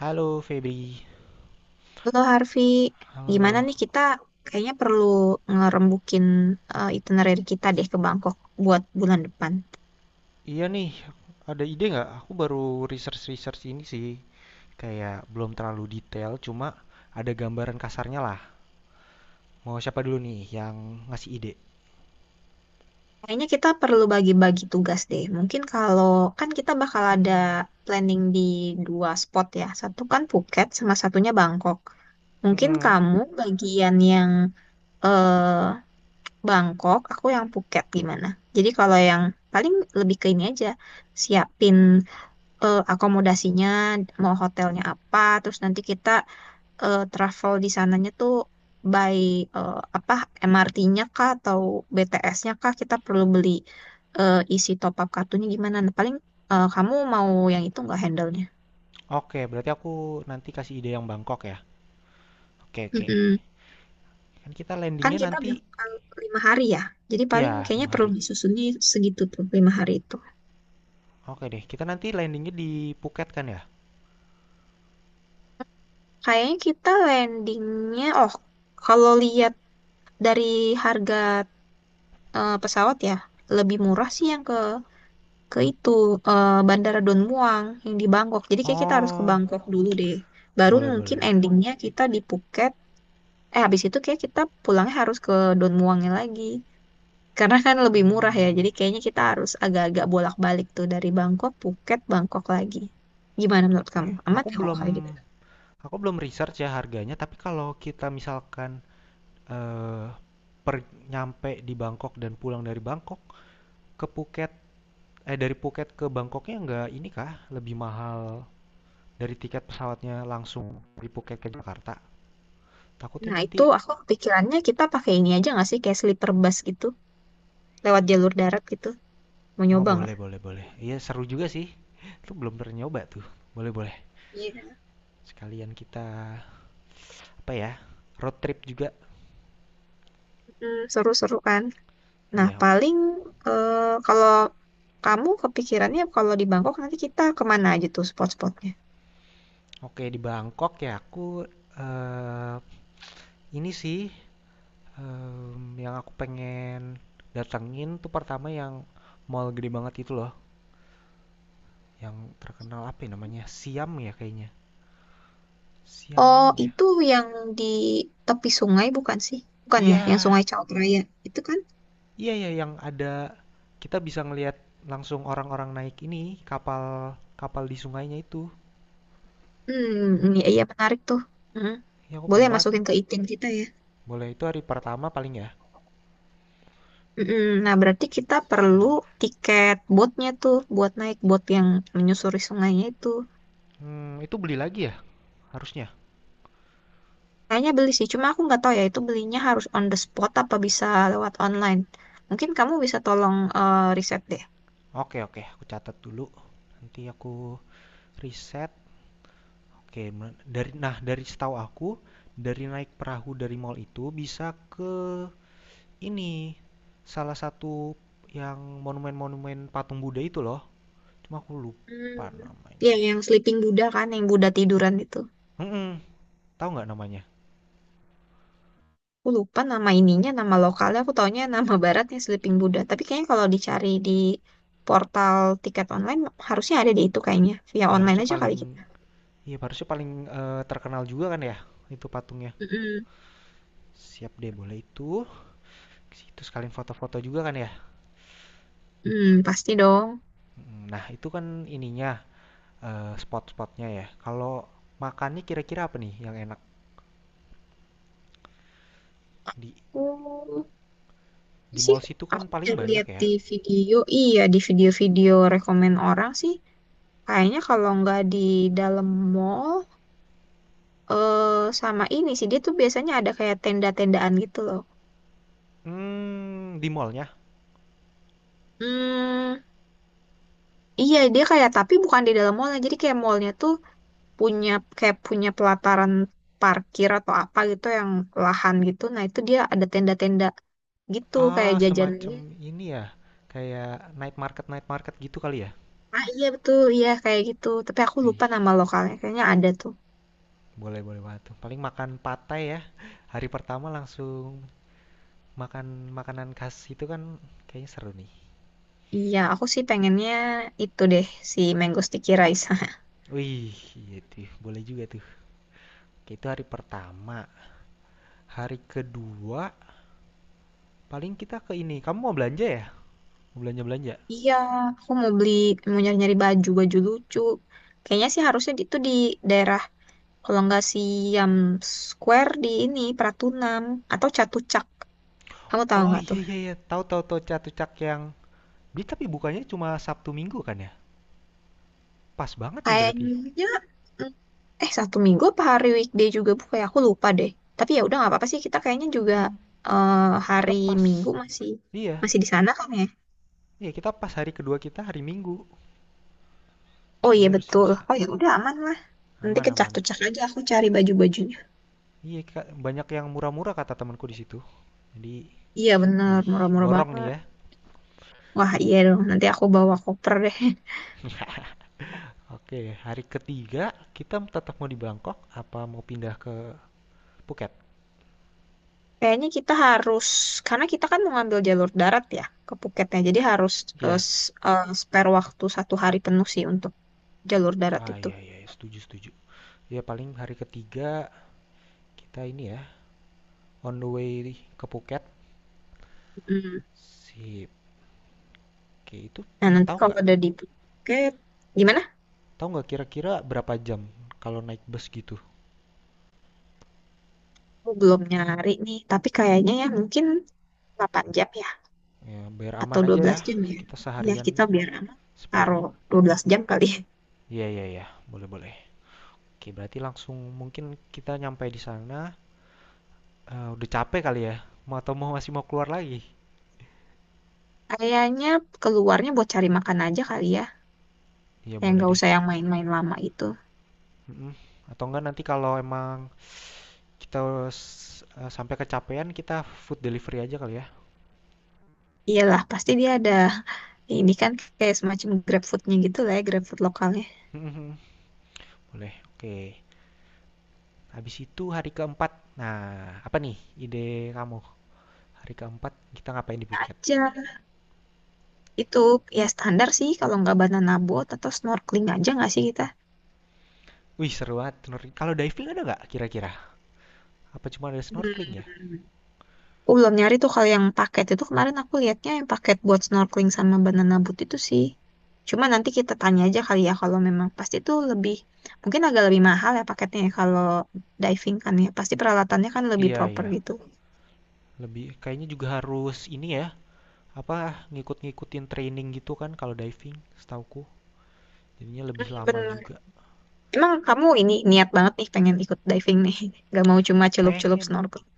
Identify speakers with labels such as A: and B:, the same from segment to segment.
A: Halo Febri,
B: Halo Harvey,
A: halo lo.
B: gimana nih kita kayaknya perlu ngerembukin itinerary kita deh ke Bangkok buat bulan depan.
A: Iya nih, ada ide nggak? Aku baru research-research ini sih, kayak belum terlalu detail, cuma ada gambaran kasarnya lah. Mau siapa dulu nih yang ngasih ide?
B: Kayaknya kita perlu bagi-bagi tugas deh. Mungkin kalau kan kita bakal ada
A: Hmm,
B: planning di dua spot ya. Satu kan Phuket sama satunya Bangkok. Mungkin
A: mm-mm.
B: kamu bagian yang eh Bangkok, aku yang Phuket gimana? Jadi kalau yang paling lebih ke ini aja, siapin akomodasinya, mau hotelnya apa, terus nanti kita travel di sananya tuh by eh, apa MRT-nya kah atau BTS-nya kah, kita perlu beli isi top up kartunya gimana? Nah, paling kamu mau yang itu nggak handle-nya?
A: Oke, berarti aku nanti kasih ide yang Bangkok ya. Oke, oke.
B: Mm-mm.
A: Kan kita
B: Kan
A: landingnya
B: kita
A: nanti,
B: bakal 5 hari ya, jadi paling
A: ya
B: kayaknya
A: lima
B: perlu
A: hari.
B: disusunnya segitu tuh 5 hari itu.
A: Oke deh, kita nanti landingnya di Phuket kan ya?
B: Kayaknya kita landingnya, oh kalau lihat dari harga pesawat ya lebih murah sih yang ke itu Bandara Don Muang yang di Bangkok. Jadi kayak kita harus ke
A: Oh,
B: Bangkok dulu deh. Baru
A: boleh, boleh,
B: mungkin
A: boleh.
B: endingnya kita di Phuket. Eh habis itu kayak kita pulangnya harus ke Don Muangnya lagi. Karena kan lebih murah ya.
A: Hmm,
B: Jadi kayaknya kita harus agak-agak bolak-balik tuh dari Bangkok, Phuket, Bangkok lagi. Gimana menurut
A: oke.
B: kamu? Amat
A: Aku
B: ya kalau
A: belum
B: kayak gitu?
A: Aku belum research ya harganya, tapi kalau kita misalkan, eee, per nyampe di Bangkok dan pulang dari Bangkok ke Phuket dari Phuket ke Bangkoknya nggak ini kah, lebih mahal dari tiket pesawatnya langsung dari Phuket ke Jakarta? Takutnya
B: Nah itu
A: nanti.
B: aku pikirannya kita pakai ini aja nggak sih kayak sleeper bus gitu, lewat jalur darat gitu. Mau
A: Oh,
B: nyoba nggak?
A: boleh, boleh, boleh. Iya seru juga sih, itu belum pernah nyoba tuh. Boleh, boleh,
B: Iya,
A: sekalian kita apa ya, road trip juga.
B: mm, seru-seru kan. Nah,
A: Iya,
B: paling eh, kalau kamu kepikirannya kalau di Bangkok nanti kita kemana aja tuh spot-spotnya?
A: oke di Bangkok ya aku, eee, ini sih yang aku pengen datengin tuh pertama yang mall gede banget itu loh, yang terkenal apa ya namanya, Siam ya kayaknya, Siam
B: Oh,
A: Mall ya?
B: itu yang di tepi sungai bukan sih? Bukan ya, yang
A: Iya,
B: Sungai Chaot Raya. Itu kan?
A: iya ya yang ada kita bisa ngelihat langsung orang-orang naik ini, kapal kapal di sungainya itu.
B: Hmm, iya, iya menarik tuh. Mm.
A: Iya, aku
B: Boleh
A: pengen banget.
B: masukin ke item kita ya.
A: Boleh, itu hari pertama paling ya?
B: Mm-mm. Nah, berarti kita
A: Siam.
B: perlu tiket boatnya tuh buat naik boat yang menyusuri sungainya itu.
A: Itu beli lagi ya harusnya?
B: Kayaknya beli sih, cuma aku nggak tahu ya itu belinya harus on the spot apa bisa lewat online. Mungkin kamu bisa tolong riset deh.
A: Oke oke, aku catat dulu, nanti aku riset. Oke, nah dari setahu aku dari naik perahu dari mall itu bisa ke ini salah satu yang monumen-monumen patung Buddha itu loh. Cuma aku
B: Hmm.
A: lupa namanya.
B: Ya, yang Sleeping Buddha kan, yang Buddha tiduran itu.
A: Mm-mm, tahu nggak namanya?
B: Aku lupa nama
A: Lupa
B: ininya,
A: ya.
B: nama lokalnya. Aku taunya nama baratnya Sleeping Buddha. Tapi kayaknya kalau dicari di portal tiket online, harusnya ada di itu kayaknya. Via
A: Ya
B: online
A: harusnya
B: aja
A: paling
B: kali kita.
A: ya harusnya paling terkenal juga kan ya itu patungnya.
B: Mm-mm.
A: Siap deh boleh itu. Itu sekalian foto-foto juga kan ya.
B: Hmm, pasti dong.
A: Nah, itu kan ininya spot-spotnya ya. Kalau makannya kira-kira apa nih yang enak di
B: Oh, ini
A: Di
B: sih
A: mall situ kan
B: aku
A: paling
B: udah
A: banyak
B: lihat
A: ya.
B: di video. Iya, di video-video rekomen orang sih. Kayaknya kalau nggak di dalam mall, eh sama ini sih. Dia tuh biasanya ada kayak tenda-tendaan gitu loh.
A: Hmm, di mallnya?
B: Hmm, iya, dia kayak tapi bukan di dalam mallnya. Jadi kayak mallnya tuh punya kayak punya pelataran parkir atau apa gitu yang lahan gitu. Nah itu dia ada tenda-tenda gitu kayak
A: Ah, semacam
B: jajanannya.
A: ini ya. Kayak night market gitu kali ya.
B: Ah iya betul, iya kayak gitu. Tapi aku
A: Wih,
B: lupa nama lokalnya. Kayaknya ada tuh.
A: boleh boleh banget tuh. Paling makan patai ya. Hari pertama langsung makan makanan khas itu kan kayaknya seru nih.
B: Iya, aku sih pengennya itu deh si Mango Sticky Rice.
A: Wih, iya tuh, boleh juga tuh. Oke, itu hari pertama. Hari kedua paling kita ke ini. Kamu mau belanja ya? Mau belanja-belanja?
B: Iya, aku mau beli mau nyari-nyari baju baju lucu. Kayaknya sih harusnya itu di daerah kalau nggak Siam Square di ini Pratunam atau Catucak. Kamu tahu
A: Oh
B: nggak
A: iya
B: tuh?
A: iya iya, tahu tahu tahu catucak. Beli tapi bukannya cuma Sabtu Minggu kan ya? Pas banget nih berarti.
B: Kayaknya mm, satu minggu apa hari weekday juga bu? Kayak aku lupa deh. Tapi ya udah nggak apa-apa sih. Kita kayaknya juga
A: Mhm,
B: eh,
A: kita
B: hari Minggu
A: pas.
B: masih
A: Iya,
B: masih di sana kan ya?
A: iya kita pas hari kedua kita hari Minggu.
B: Oh
A: Jadi
B: iya
A: harusnya
B: betul.
A: bisa.
B: Oh ya udah aman lah. Nanti
A: Aman aman.
B: kecak-kecak aja aku cari baju-bajunya.
A: Iya, Kak, banyak yang murah-murah kata temanku di situ. Jadi,
B: Iya bener,
A: wih,
B: murah-murah
A: borong nih
B: banget.
A: ya.
B: Wah iya dong. Nanti aku bawa koper deh.
A: Oke, hari ketiga kita tetap mau di Bangkok apa mau pindah ke Phuket?
B: Kayaknya kita harus karena kita kan mau ngambil jalur darat ya ke Phuketnya. Jadi harus
A: Iya.
B: spare waktu 1 hari penuh sih untuk jalur darat
A: Ah,
B: itu.
A: iya iya, iya, setuju setuju. Ya paling hari ketiga kita ini ya on the way ke Phuket.
B: Hmm.
A: Sip. Oke, itu
B: Nah, nanti
A: tahu
B: kalau
A: nggak?
B: udah di tiket, gimana?
A: Tahu nggak kira-kira berapa jam kalau naik bus gitu?
B: Aku belum nyari nih, tapi kayaknya ya mungkin 8 jam ya,
A: Ya, biar
B: atau
A: aman
B: dua
A: aja
B: belas
A: ya.
B: jam ya.
A: Kita
B: Ya,
A: seharian
B: kita biar aman,
A: spare.
B: taruh 12 jam kali ya.
A: Iya, iya, iya. Boleh, boleh. Oke, berarti langsung mungkin kita nyampe di sana. Eh, udah capek kali ya? Mau atau mau masih mau keluar lagi?
B: Kayaknya keluarnya buat cari makan aja kali ya,
A: Iya,
B: yang
A: boleh
B: nggak
A: deh.
B: usah yang main-main lama itu.
A: Mm-mm. Atau enggak nanti kalau emang kita sampai kecapean, kita food delivery aja kali ya.
B: Iyalah, pasti dia ada ini kan kayak semacam GrabFood-nya gitu lah ya, GrabFood lokalnya.
A: Mm-mm. Boleh. Oke. Habis itu hari keempat. Nah, apa nih ide kamu? Hari keempat kita ngapain di Phuket?
B: Aja, itu ya standar sih kalau nggak banana boat atau snorkeling aja nggak sih kita?
A: Wih, seru banget. Kalau diving ada nggak kira-kira? Apa cuma ada snorkeling ya?
B: Hmm. Aku belum nyari tuh kalau yang paket itu kemarin aku lihatnya yang paket buat snorkeling sama banana boat itu sih. Cuma nanti kita tanya aja kali ya kalau memang pasti itu lebih mungkin agak lebih mahal ya paketnya ya kalau diving kan ya pasti peralatannya kan lebih
A: Iya
B: proper
A: iya,
B: gitu.
A: lebih kayaknya juga harus ini ya, apa ngikut-ngikutin training gitu kan kalau diving, setauku. Jadinya
B: Hmm,
A: lebih lama
B: bener.
A: juga.
B: Emang kamu ini niat banget nih pengen ikut diving nih. Gak mau cuma celup-celup
A: Pengen,
B: snorkeling.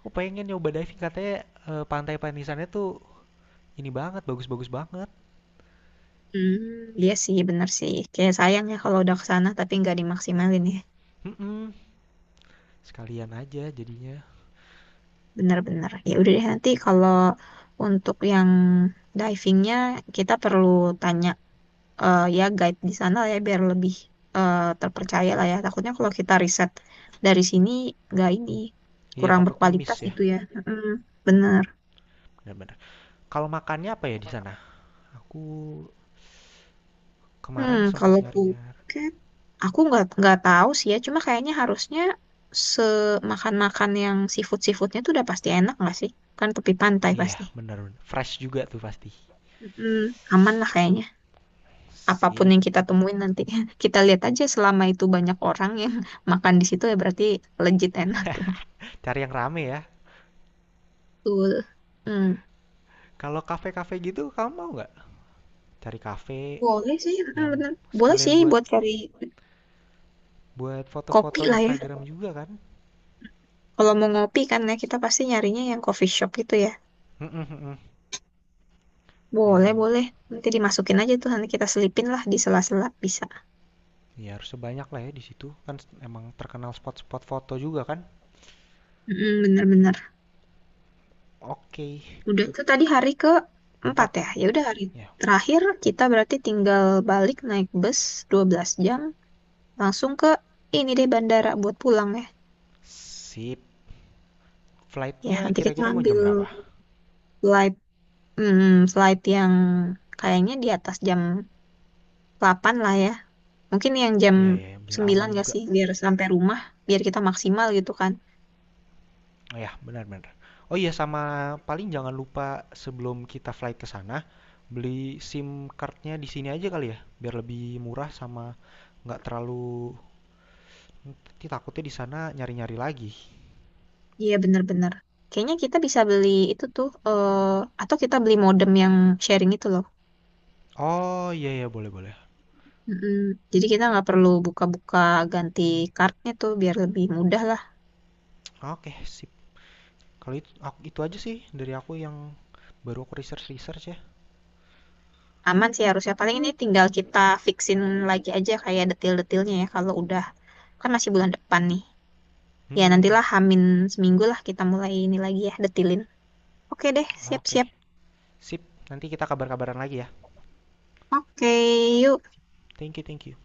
A: aku pengen nyoba diving katanya pantai Panisannya tuh ini banget, bagus-bagus banget.
B: Hmm, iya sih bener sih. Kayak sayang ya kalau udah ke sana tapi nggak dimaksimalin ya.
A: Mm-mm. Sekalian aja jadinya.
B: Benar-benar. Ya udah deh nanti kalau untuk yang divingnya kita perlu tanya ya guide di sana lah ya biar lebih terpercaya lah ya. Takutnya kalau kita riset dari sini nggak ini
A: Iya
B: kurang
A: takutnya
B: berkualitas
A: miss ya.
B: gitu ya. Mm,
A: Mm-mm.
B: bener.
A: Benar-benar. Kalau makannya apa ya di sana? Aku
B: Hmm,
A: kemarin
B: kalau
A: sempat nyari-nyari.
B: buket aku nggak tahu sih ya. Cuma kayaknya harusnya semakan-makan yang seafood-seafoodnya tuh udah pasti enak nggak sih? Kan tepi pantai
A: Iya,
B: pasti.
A: benar benar. Fresh juga tuh pasti.
B: Mm, aman lah kayaknya. Apapun
A: Sip.
B: yang kita temuin nanti kita lihat aja selama itu banyak orang yang makan di situ ya berarti legit enak.
A: Cari yang rame ya.
B: Betul, hmm.
A: Kalau kafe-kafe gitu, kamu mau nggak? Cari kafe
B: Boleh sih, hmm,
A: yang
B: bener, boleh sih
A: sekalian buat
B: buat cari
A: buat
B: kopi
A: foto-foto
B: lah ya,
A: Instagram juga kan
B: kalau mau ngopi kan ya kita pasti nyarinya yang coffee shop gitu ya.
A: ya.
B: Boleh
A: Nanti
B: boleh, nanti dimasukin aja tuh, nanti kita selipin lah di sela-sela bisa.
A: ya harus sebanyak lah ya, di situ kan emang terkenal spot-spot foto juga kan.
B: Mm, bener-bener.
A: Oke,
B: Udah itu tadi hari ke empat
A: empat
B: ya, ya udah hari
A: ya.
B: terakhir kita berarti tinggal balik naik bus 12 jam langsung ke ini deh bandara buat pulang ya.
A: Sip.
B: Ya,
A: Flightnya
B: nanti kita
A: kira-kira mau
B: ambil
A: jam berapa?
B: slide, hmm, slide yang kayaknya di atas jam 8 lah ya. Mungkin yang jam
A: Iya ya, biar
B: sembilan
A: aman
B: gak
A: juga.
B: sih, biar sampai rumah, biar kita maksimal gitu kan.
A: Oh ya, benar-benar. Oh iya, sama paling jangan lupa sebelum kita flight ke sana beli SIM cardnya di sini aja kali ya, biar lebih murah, sama nggak terlalu. Nanti takutnya di sana nyari-nyari lagi.
B: Iya, bener-bener. Kayaknya kita bisa beli itu tuh, eh, atau kita beli modem yang sharing itu loh.
A: Oh iya iya boleh boleh.
B: Mm-mm. Jadi kita nggak perlu buka-buka ganti kartunya tuh, biar lebih mudah lah.
A: Oke sip. Kalau itu aja sih dari aku yang baru aku research research ya.
B: Aman sih harusnya. Paling ini tinggal kita fixin lagi aja kayak detail-detailnya ya, kalau udah. Kan masih bulan depan nih.
A: Hmm,
B: Ya,
A: hmm, hmm.
B: nantilah Hamin seminggu lah kita mulai ini lagi ya, detilin. Oke deh,
A: Oke
B: siap-siap.
A: sip. Nanti kita kabar-kabaran lagi ya.
B: Oke, yuk.
A: Thank you thank you.